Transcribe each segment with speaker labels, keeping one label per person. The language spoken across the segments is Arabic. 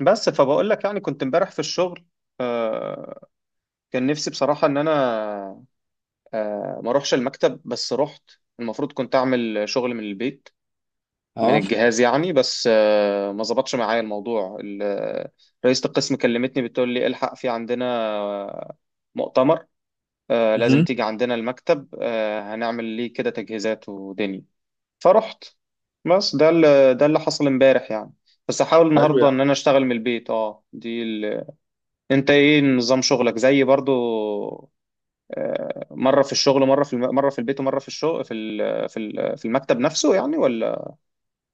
Speaker 1: بس فبقول لك يعني كنت امبارح في الشغل. آه، كان نفسي بصراحة ان انا ما اروحش المكتب. بس رحت. المفروض كنت اعمل شغل من البيت من
Speaker 2: اه.
Speaker 1: الجهاز يعني، بس ما ظبطش معايا الموضوع. رئيسة القسم كلمتني بتقول لي الحق في عندنا آه، مؤتمر. لازم
Speaker 2: مهم.
Speaker 1: تيجي عندنا المكتب. هنعمل ليه كده تجهيزات ودنيا. فرحت. بس ده اللي حصل امبارح يعني. بس احاول
Speaker 2: حلو
Speaker 1: النهارده
Speaker 2: يعني.
Speaker 1: ان انا اشتغل من البيت. اه دي. انت ايه نظام شغلك زي برضو؟ مره في الشغل، مره مره في البيت ومره في الشغل في المكتب نفسه يعني، ولا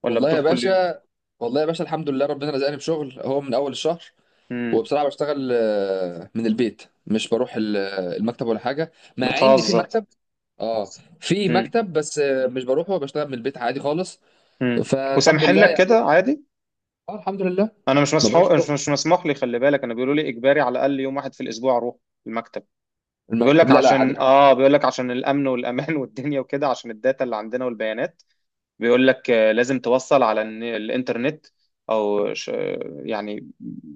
Speaker 1: ولا
Speaker 2: والله يا
Speaker 1: بتروح كل يوم؟
Speaker 2: باشا، والله يا باشا الحمد لله، ربنا رزقني بشغل اهو من اول الشهر.
Speaker 1: امم.
Speaker 2: وبصراحه بشتغل من البيت، مش بروح المكتب ولا حاجه، مع ان في
Speaker 1: بتهزر.
Speaker 2: مكتب. اه في
Speaker 1: امم.
Speaker 2: مكتب، بس مش بروحه، بشتغل من البيت عادي خالص.
Speaker 1: امم.
Speaker 2: فالحمد
Speaker 1: وسامحين
Speaker 2: لله
Speaker 1: لك
Speaker 2: يعني.
Speaker 1: كده عادي؟
Speaker 2: اه، الحمد لله،
Speaker 1: انا مش
Speaker 2: ما بروحش
Speaker 1: مسحو... مش
Speaker 2: شغل
Speaker 1: مش مسموح لي. خلي بالك، انا بيقولوا لي اجباري على الاقل يوم واحد في الاسبوع اروح المكتب. بيقول
Speaker 2: المكتب.
Speaker 1: لك
Speaker 2: لا لا، عادي
Speaker 1: عشان
Speaker 2: الحمد
Speaker 1: اه، بيقول لك عشان الامن والامان والدنيا وكده عشان الداتا اللي عندنا والبيانات. بيقول لك لازم توصل على الانترنت او يعني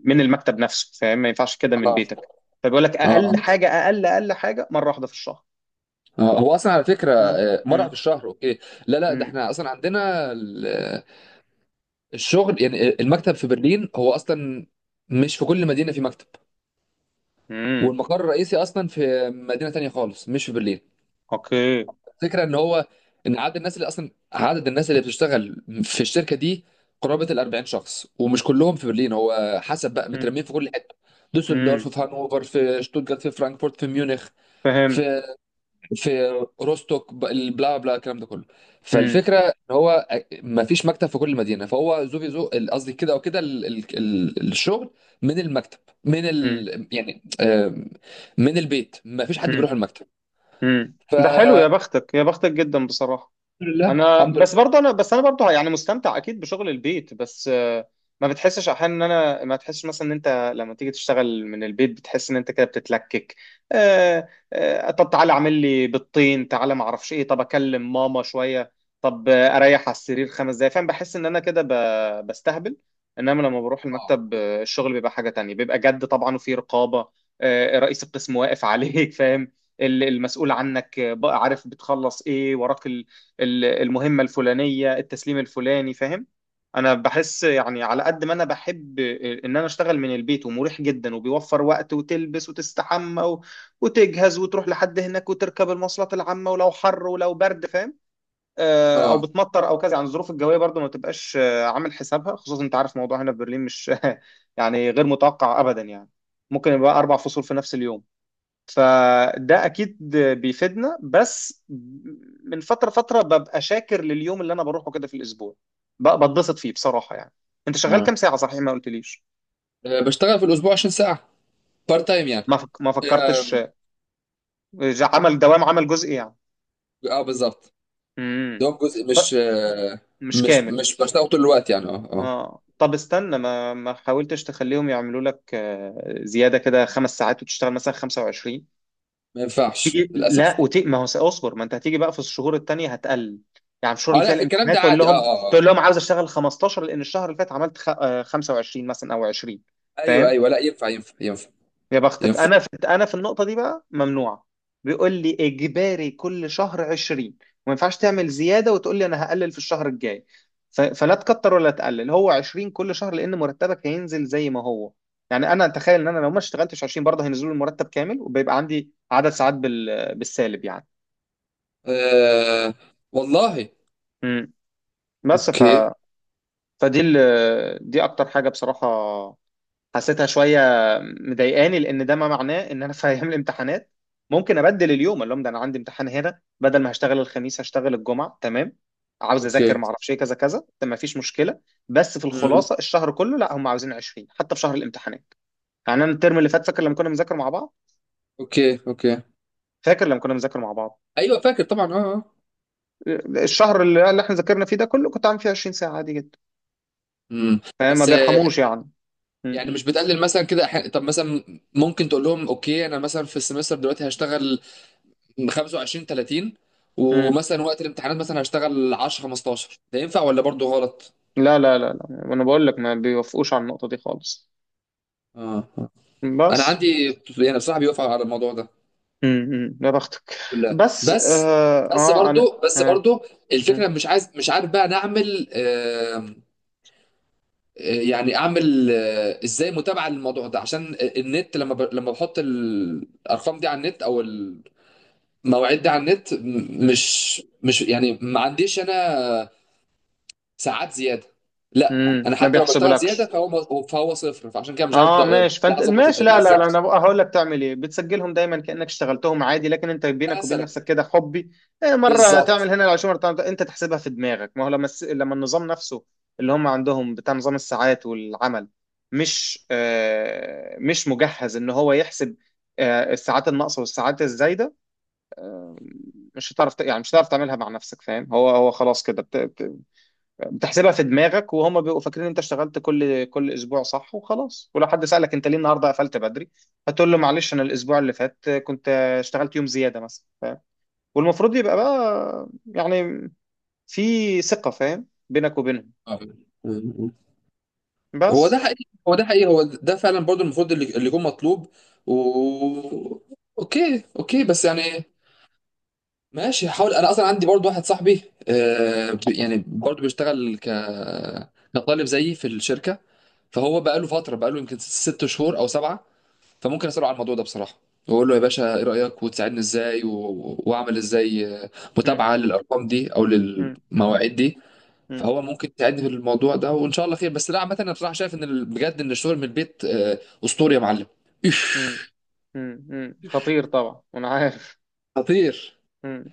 Speaker 1: من المكتب نفسه. فاهم؟ ما ينفعش كده من
Speaker 2: لله.
Speaker 1: بيتك. فبيقول لك
Speaker 2: اه
Speaker 1: اقل
Speaker 2: اه
Speaker 1: حاجه، اقل حاجه، مره واحده في الشهر.
Speaker 2: آه. هو اصلا على فكره
Speaker 1: مم،
Speaker 2: مره في
Speaker 1: مم،
Speaker 2: الشهر، اوكي. لا لا، ده
Speaker 1: مم،
Speaker 2: احنا اصلا عندنا الشغل، يعني المكتب في برلين هو اصلا مش في كل مدينه في مكتب.
Speaker 1: مم.
Speaker 2: والمقر الرئيسي اصلا في مدينه تانية خالص، مش في برلين.
Speaker 1: اوكي.
Speaker 2: الفكره ان هو، ان عدد الناس اللي بتشتغل في الشركه دي قرابه ال 40 شخص، ومش كلهم في برلين، هو حسب بقى
Speaker 1: مم،
Speaker 2: مترمين في كل حته: دوسلدورف،
Speaker 1: مم.
Speaker 2: في هانوفر، في شتوتجارت، في فرانكفورت، في ميونخ،
Speaker 1: فهمت.
Speaker 2: في في روستوك، البلا بلا الكلام ده كله.
Speaker 1: مم،
Speaker 2: فالفكره ان هو ما فيش مكتب في كل مدينه، فهو زو في زو، قصدي كده او كده، الشغل من المكتب، من
Speaker 1: مم،
Speaker 2: يعني من البيت، ما فيش حد
Speaker 1: مم،
Speaker 2: بيروح المكتب.
Speaker 1: مم. ده حلو.
Speaker 2: فالحمد
Speaker 1: يا بختك جدا بصراحه.
Speaker 2: لله،
Speaker 1: انا
Speaker 2: الحمد
Speaker 1: بس
Speaker 2: لله.
Speaker 1: برضه، انا بس انا برضه يعني مستمتع اكيد بشغل البيت، بس ما بتحسش احيانا ان انا، ما تحسش مثلا ان انت لما تيجي تشتغل من البيت بتحس ان انت كده بتتلكك؟ طب تعالى اعمل لي بيضتين، تعالى ما اعرفش ايه، طب اكلم ماما شويه، طب اريح على السرير خمس دقايق. فاهم؟ بحس ان انا كده بستهبل. انما لما بروح
Speaker 2: اه
Speaker 1: المكتب الشغل بيبقى حاجه تانية. بيبقى جد طبعا وفي رقابه. رئيس القسم واقف عليك فاهم؟ المسؤول عنك بقى عارف بتخلص ايه وراك. المهمة الفلانية، التسليم الفلاني. فاهم؟ انا بحس يعني على قد ما انا بحب ان انا اشتغل من البيت ومريح جدا وبيوفر وقت، وتلبس وتستحمى و... وتجهز وتروح لحد هناك وتركب المواصلات العامة، ولو حر ولو برد. فاهم؟ او
Speaker 2: اه
Speaker 1: بتمطر او كذا، يعني الظروف الجوية برضو ما تبقاش عامل حسابها، خصوصا انت عارف موضوع هنا في برلين مش يعني غير متوقع ابدا يعني. ممكن يبقى اربع فصول في نفس اليوم. فده اكيد بيفيدنا. بس من فتره فتره ببقى شاكر لليوم اللي انا بروحه كده في الاسبوع. بتبسط فيه بصراحه يعني. انت شغال كام ساعه صحيح؟ ما قلتليش.
Speaker 2: بشتغل في الاسبوع 20 ساعه، بارت تايم يعني.
Speaker 1: ما
Speaker 2: اه
Speaker 1: فكرتش. إذا عمل دوام، عمل جزئي يعني.
Speaker 2: بالظبط،
Speaker 1: امم.
Speaker 2: دوام جزء
Speaker 1: طب
Speaker 2: مش آه،
Speaker 1: مش
Speaker 2: مش
Speaker 1: كامل.
Speaker 2: مش بشتغل طول الوقت يعني. اه اه،
Speaker 1: اه طب استنى، ما ما حاولتش تخليهم يعملوا لك زياده كده خمس ساعات وتشتغل مثلا 25؟
Speaker 2: ما ينفعش
Speaker 1: تيجي
Speaker 2: للاسف.
Speaker 1: لا ما هو اصبر، ما انت هتيجي بقى في الشهور التانية هتقل. يعني في الشهور
Speaker 2: اه
Speaker 1: اللي
Speaker 2: لا،
Speaker 1: فيها
Speaker 2: في الكلام
Speaker 1: الامتحانات
Speaker 2: ده
Speaker 1: تقول
Speaker 2: عادي. اه
Speaker 1: لهم،
Speaker 2: اه
Speaker 1: تقول
Speaker 2: آه.
Speaker 1: لهم عاوز اشتغل 15 لان الشهر اللي فات عملت خ... آه، 25 مثلا او 20.
Speaker 2: ايوه
Speaker 1: فاهم؟
Speaker 2: ايوه، لا ينفع ينفع ينفع
Speaker 1: يا بختك.
Speaker 2: ينفع.
Speaker 1: انا في، انا في النقطة دي بقى ممنوعة. بيقول لي اجباري كل شهر 20 وما ينفعش تعمل زيادة وتقول لي انا هقلل في الشهر الجاي. فلا تكتر ولا تقلل. هو 20 كل شهر لان مرتبك هينزل زي ما هو يعني. انا اتخيل ان انا لو ما اشتغلتش 20 برضه هينزلوا المرتب كامل وبيبقى عندي عدد ساعات بالسالب يعني.
Speaker 2: أه والله.
Speaker 1: مم. بس ف،
Speaker 2: اوكي
Speaker 1: فدي دي اكتر حاجه بصراحه حسيتها شويه مضايقاني. لان ده ما معناه ان انا في ايام الامتحانات ممكن ابدل اليوم اللي هم ده، انا عندي امتحان هنا. بدل ما هشتغل الخميس هشتغل الجمعه. تمام، عاوز اذاكر
Speaker 2: اوكي.
Speaker 1: ما اعرفش ايه كذا كذا، ده ما فيش مشكله. بس في
Speaker 2: امم،
Speaker 1: الخلاصه الشهر كله لا، هم عاوزين 20 حتى في شهر الامتحانات يعني. انا الترم اللي فات فاكر لما كنا بنذاكر مع بعض.
Speaker 2: اوكي اوكي.
Speaker 1: فاكر لما كنا بنذاكر مع بعض
Speaker 2: ايوه فاكر طبعا. اه اه.
Speaker 1: الشهر اللي احنا ذاكرنا فيه ده كله كنت عامل فيه 20 ساعه عادي جدا.
Speaker 2: امم،
Speaker 1: فما
Speaker 2: بس
Speaker 1: بيرحموش يعني. مم.
Speaker 2: يعني مش بتقلل مثلا كده طب مثلا ممكن تقول لهم اوكي، انا مثلا في السمستر دلوقتي هشتغل 25 30،
Speaker 1: مم.
Speaker 2: ومثلا وقت الامتحانات مثلا هشتغل 10 15، ده ينفع ولا برضو غلط؟
Speaker 1: لا لا لا لا، انا بقول لك ما بيوافقوش على النقطة دي خالص.
Speaker 2: اه آه. انا
Speaker 1: بس
Speaker 2: عندي، يعني بصراحه بيوافق على الموضوع ده
Speaker 1: امم، يا بختك.
Speaker 2: كلها.
Speaker 1: بس
Speaker 2: بس
Speaker 1: اه,
Speaker 2: بس
Speaker 1: آه انا،
Speaker 2: برضو بس
Speaker 1: آه.
Speaker 2: برضو
Speaker 1: مم.
Speaker 2: الفكره، مش عارف بقى نعمل يعني اعمل ازاي متابعه للموضوع ده، عشان النت لما لما بحط الارقام دي على النت، او المواعيد دي على النت، م-
Speaker 1: مم.
Speaker 2: مش مش يعني ما عنديش انا ساعات زياده. لا،
Speaker 1: مم.
Speaker 2: انا
Speaker 1: ما
Speaker 2: حتى لو بشتغل زياده
Speaker 1: بيحسبولكش.
Speaker 2: فهو صفر، فعشان كده مش عارف
Speaker 1: اه
Speaker 2: بقى-
Speaker 1: ماشي،
Speaker 2: بقى
Speaker 1: فانت
Speaker 2: اظبط
Speaker 1: ماشي.
Speaker 2: الدنيا
Speaker 1: لا لا
Speaker 2: ازاي،
Speaker 1: لا، انا بقى هقول لك تعمل ايه. بتسجلهم دايما كانك اشتغلتهم عادي، لكن انت بينك وبين
Speaker 2: مثلا.
Speaker 1: نفسك كده حبي إيه. مره
Speaker 2: بالظبط
Speaker 1: تعمل هنا العشوه، مره تعمل انت تحسبها في دماغك. ما هو لما لما النظام نفسه اللي هم عندهم، بتاع نظام الساعات والعمل، مش آه مش مجهز ان هو يحسب آه الساعات الناقصه والساعات الزايده. مش هتعرف يعني مش هتعرف تعملها مع نفسك. فاهم؟ هو هو خلاص كده بتحسبها في دماغك وهم بيبقوا فاكرين انت اشتغلت كل اسبوع صح وخلاص. ولو حد سألك انت ليه النهارده قفلت بدري، هتقول له معلش، انا الاسبوع اللي فات كنت اشتغلت يوم زيادة مثلا. والمفروض يبقى بقى يعني في ثقة، فاهم، بينك وبينهم.
Speaker 2: آه. هو ده
Speaker 1: بس.
Speaker 2: حقيقي، هو ده حقيقي، هو ده فعلا برضو المفروض اللي يكون مطلوب. و... اوكي اوكي، بس يعني ماشي، هحاول. انا اصلا عندي برضو واحد صاحبي يعني برضو بيشتغل كطالب زيي في الشركة، فهو بقى له يمكن 6 شهور او 7. فممكن اساله على الموضوع ده بصراحة، واقول له يا باشا ايه رأيك وتساعدني ازاي واعمل ازاي
Speaker 1: مم.
Speaker 2: متابعة للارقام دي او
Speaker 1: مم.
Speaker 2: للمواعيد دي.
Speaker 1: مم.
Speaker 2: فهو ممكن تعدي بالموضوع ده وان شاء الله خير. بس لا، عامه انا بصراحه شايف ان بجد ان الشغل من البيت اسطوري يا معلم. إيش.
Speaker 1: مم. مم. مم. خطير طبعا وانا عارف.
Speaker 2: خطير.
Speaker 1: مم.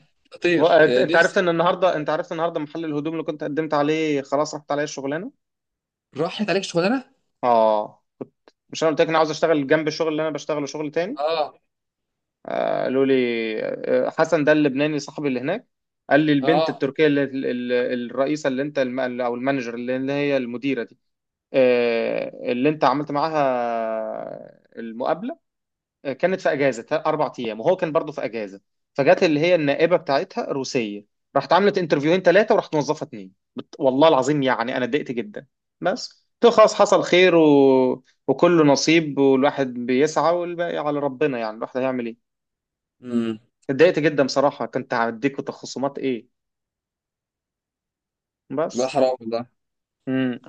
Speaker 2: خطير
Speaker 1: انت، أنت عرفت
Speaker 2: نفسي.
Speaker 1: ان النهارده، انت عرفت النهارده محل الهدوم اللي كنت قدمت عليه خلاص رحت عليه الشغلانة.
Speaker 2: راحت عليك شغلانه.
Speaker 1: اه كنت، مش انا قلت لك انا عاوز اشتغل جنب الشغل اللي انا بشتغله شغل تاني.
Speaker 2: اه
Speaker 1: قالوا لي حسن ده اللبناني صاحبي اللي هناك قال لي البنت
Speaker 2: اه.
Speaker 1: التركيه اللي الرئيسه اللي انت او المانجر اللي اللي هي المديره دي اللي انت عملت معاها المقابله، كانت في اجازه اربع ايام، وهو كان برضه في اجازه. فجت اللي هي النائبه بتاعتها روسيه، راحت عملت انترفيوهين ثلاثه وراحت موظفه اتنين والله العظيم يعني انا اتضايقت جدا. بس تو خلاص حصل خير، و... وكله نصيب والواحد بيسعى والباقي على ربنا، يعني الواحد هيعمل ايه.
Speaker 2: امم
Speaker 1: اتضايقت جدا بصراحه، كنت هديكوا تخصصات ايه.
Speaker 2: ده
Speaker 1: بس.
Speaker 2: حرام والله.
Speaker 1: مم.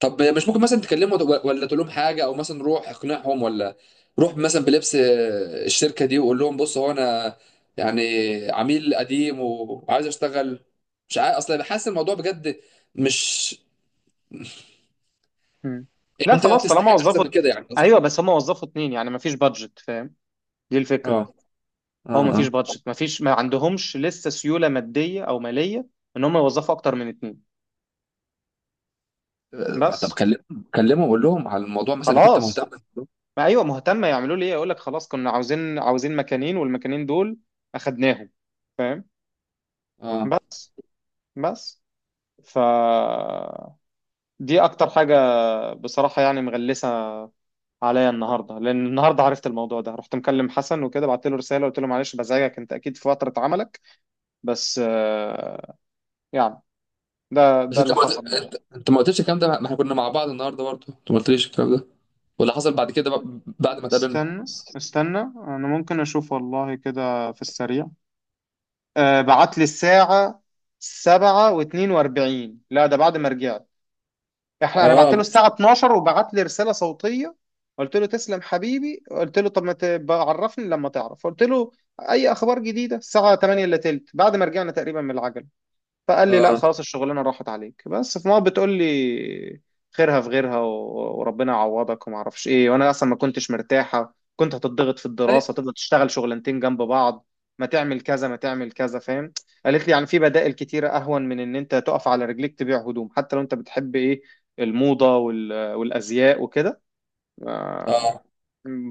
Speaker 2: طب مش ممكن مثلا تكلمه ولا تقول لهم حاجه، او مثلا روح اقنعهم، ولا روح مثلا بلبس الشركه دي وقول لهم بص، هو انا يعني عميل قديم وعايز اشتغل، مش عارف. اصلا بحس الموضوع بجد، مش
Speaker 1: مم.
Speaker 2: ان
Speaker 1: لا
Speaker 2: انت
Speaker 1: خلاص طالما
Speaker 2: تستحق احسن
Speaker 1: وظفوا.
Speaker 2: من كده يعني قصدي.
Speaker 1: ايوه بس هم وظفوا اتنين يعني مفيش بادجت. فاهم؟ دي الفكره.
Speaker 2: اه
Speaker 1: هو مفيش
Speaker 2: اه اه
Speaker 1: بادجت، مفيش، ما عندهمش لسه سيوله ماديه او ماليه ان هم يوظفوا اكتر من اتنين.
Speaker 2: طب
Speaker 1: بس
Speaker 2: كلمهم، قول لهم على الموضوع، مثلا انك انت مهتم
Speaker 1: خلاص.
Speaker 2: بالموضوع.
Speaker 1: ما ايوه مهتمه، يعملوا لي ايه؟ اقول لك خلاص كنا عاوزين، مكانين والمكانين دول اخدناهم. فاهم؟
Speaker 2: اه،
Speaker 1: بس. بس. ف، دي اكتر حاجه بصراحه يعني مغلسه عليا النهارده. لان النهارده عرفت الموضوع ده، رحت مكلم حسن وكده بعت له رساله قلت له معلش بزعجك انت اكيد في فتره عملك، بس يعني ده
Speaker 2: بس
Speaker 1: ده اللي حصل.
Speaker 2: انت ما قلتش الكلام ده، ما احنا كنا مع بعض النهارده برضه، انت ما قلتليش الكلام ده ولا حصل بعد كده بقى، بعد ما اتقابلنا؟
Speaker 1: استنى استنى، انا ممكن اشوف والله كده في السريع. آه بعت لي الساعة سبعة واتنين واربعين. لا ده بعد ما رجعت. احنا انا بعت له
Speaker 2: اه
Speaker 1: الساعة 12 وبعت لي رسالة صوتية. قلت له تسلم حبيبي، قلت له طب ما تبقى عرفني لما تعرف. قلت له اي اخبار جديدة الساعة 8 الا تلت بعد ما رجعنا تقريبا من العجل. فقال لي لا
Speaker 2: اه.
Speaker 1: خلاص الشغلانه راحت عليك، بس في مرة، بتقول لي خيرها في غيرها وربنا يعوضك وما اعرفش ايه. وانا اصلا ما كنتش مرتاحه، كنت هتضغط في
Speaker 2: طيب.
Speaker 1: الدراسه، تفضل تشتغل شغلانتين جنب بعض، ما تعمل كذا، ما تعمل كذا، فاهم. قالت لي يعني في بدائل كتيره اهون من ان انت تقف على رجليك تبيع هدوم، حتى لو انت بتحب ايه الموضه والازياء وكده،
Speaker 2: اه.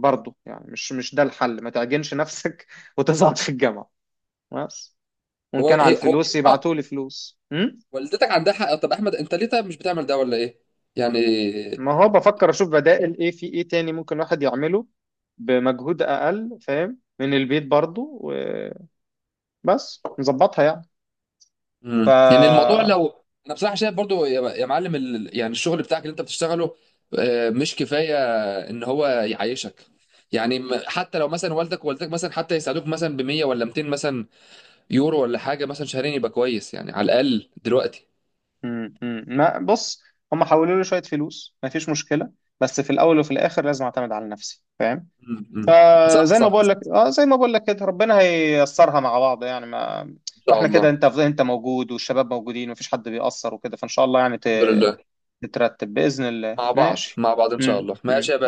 Speaker 1: برضه يعني مش مش ده الحل. ما تعجنش نفسك وتزعط في الجامعه. بس. وان
Speaker 2: هو
Speaker 1: كان على
Speaker 2: هي هو
Speaker 1: الفلوس
Speaker 2: آه،
Speaker 1: يبعتوا لي فلوس. م؟
Speaker 2: والدتك عندها حق، طب احمد انت ليه طيب مش بتعمل ده ولا ايه يعني؟
Speaker 1: ما هو بفكر اشوف بدائل ايه، في ايه تاني ممكن الواحد يعمله بمجهود اقل. فاهم؟ من البيت برضو، وبس نظبطها يعني. ف،
Speaker 2: يعني الموضوع، لو انا بصراحه شايف برضو يا معلم، يعني الشغل بتاعك اللي انت بتشتغله مش كفايه ان هو يعيشك، يعني حتى لو مثلا والدك ووالدتك مثلا حتى يساعدوك مثلا ب 100 ولا 200 مثلا يورو ولا حاجه مثلا شهرين، يبقى كويس يعني على الاقل دلوقتي.
Speaker 1: م- ما بص، هم حولوا لي شويه فلوس ما فيش مشكله. بس في الاول وفي الاخر لازم اعتمد على نفسي. فاهم؟
Speaker 2: امم،
Speaker 1: آه
Speaker 2: صح
Speaker 1: زي ما
Speaker 2: صح،
Speaker 1: بقول لك، اه زي ما بقول لك كده ربنا هييسرها مع بعض يعني. ما
Speaker 2: ان شاء
Speaker 1: واحنا كده،
Speaker 2: الله،
Speaker 1: انت انت موجود والشباب موجودين ومفيش حد بيأثر وكده، فان شاء الله يعني
Speaker 2: الحمد لله.
Speaker 1: تترتب بإذن الله.
Speaker 2: مع بعض
Speaker 1: ماشي.
Speaker 2: مع بعض ان شاء الله. ماشي
Speaker 1: م.
Speaker 2: يا باشا.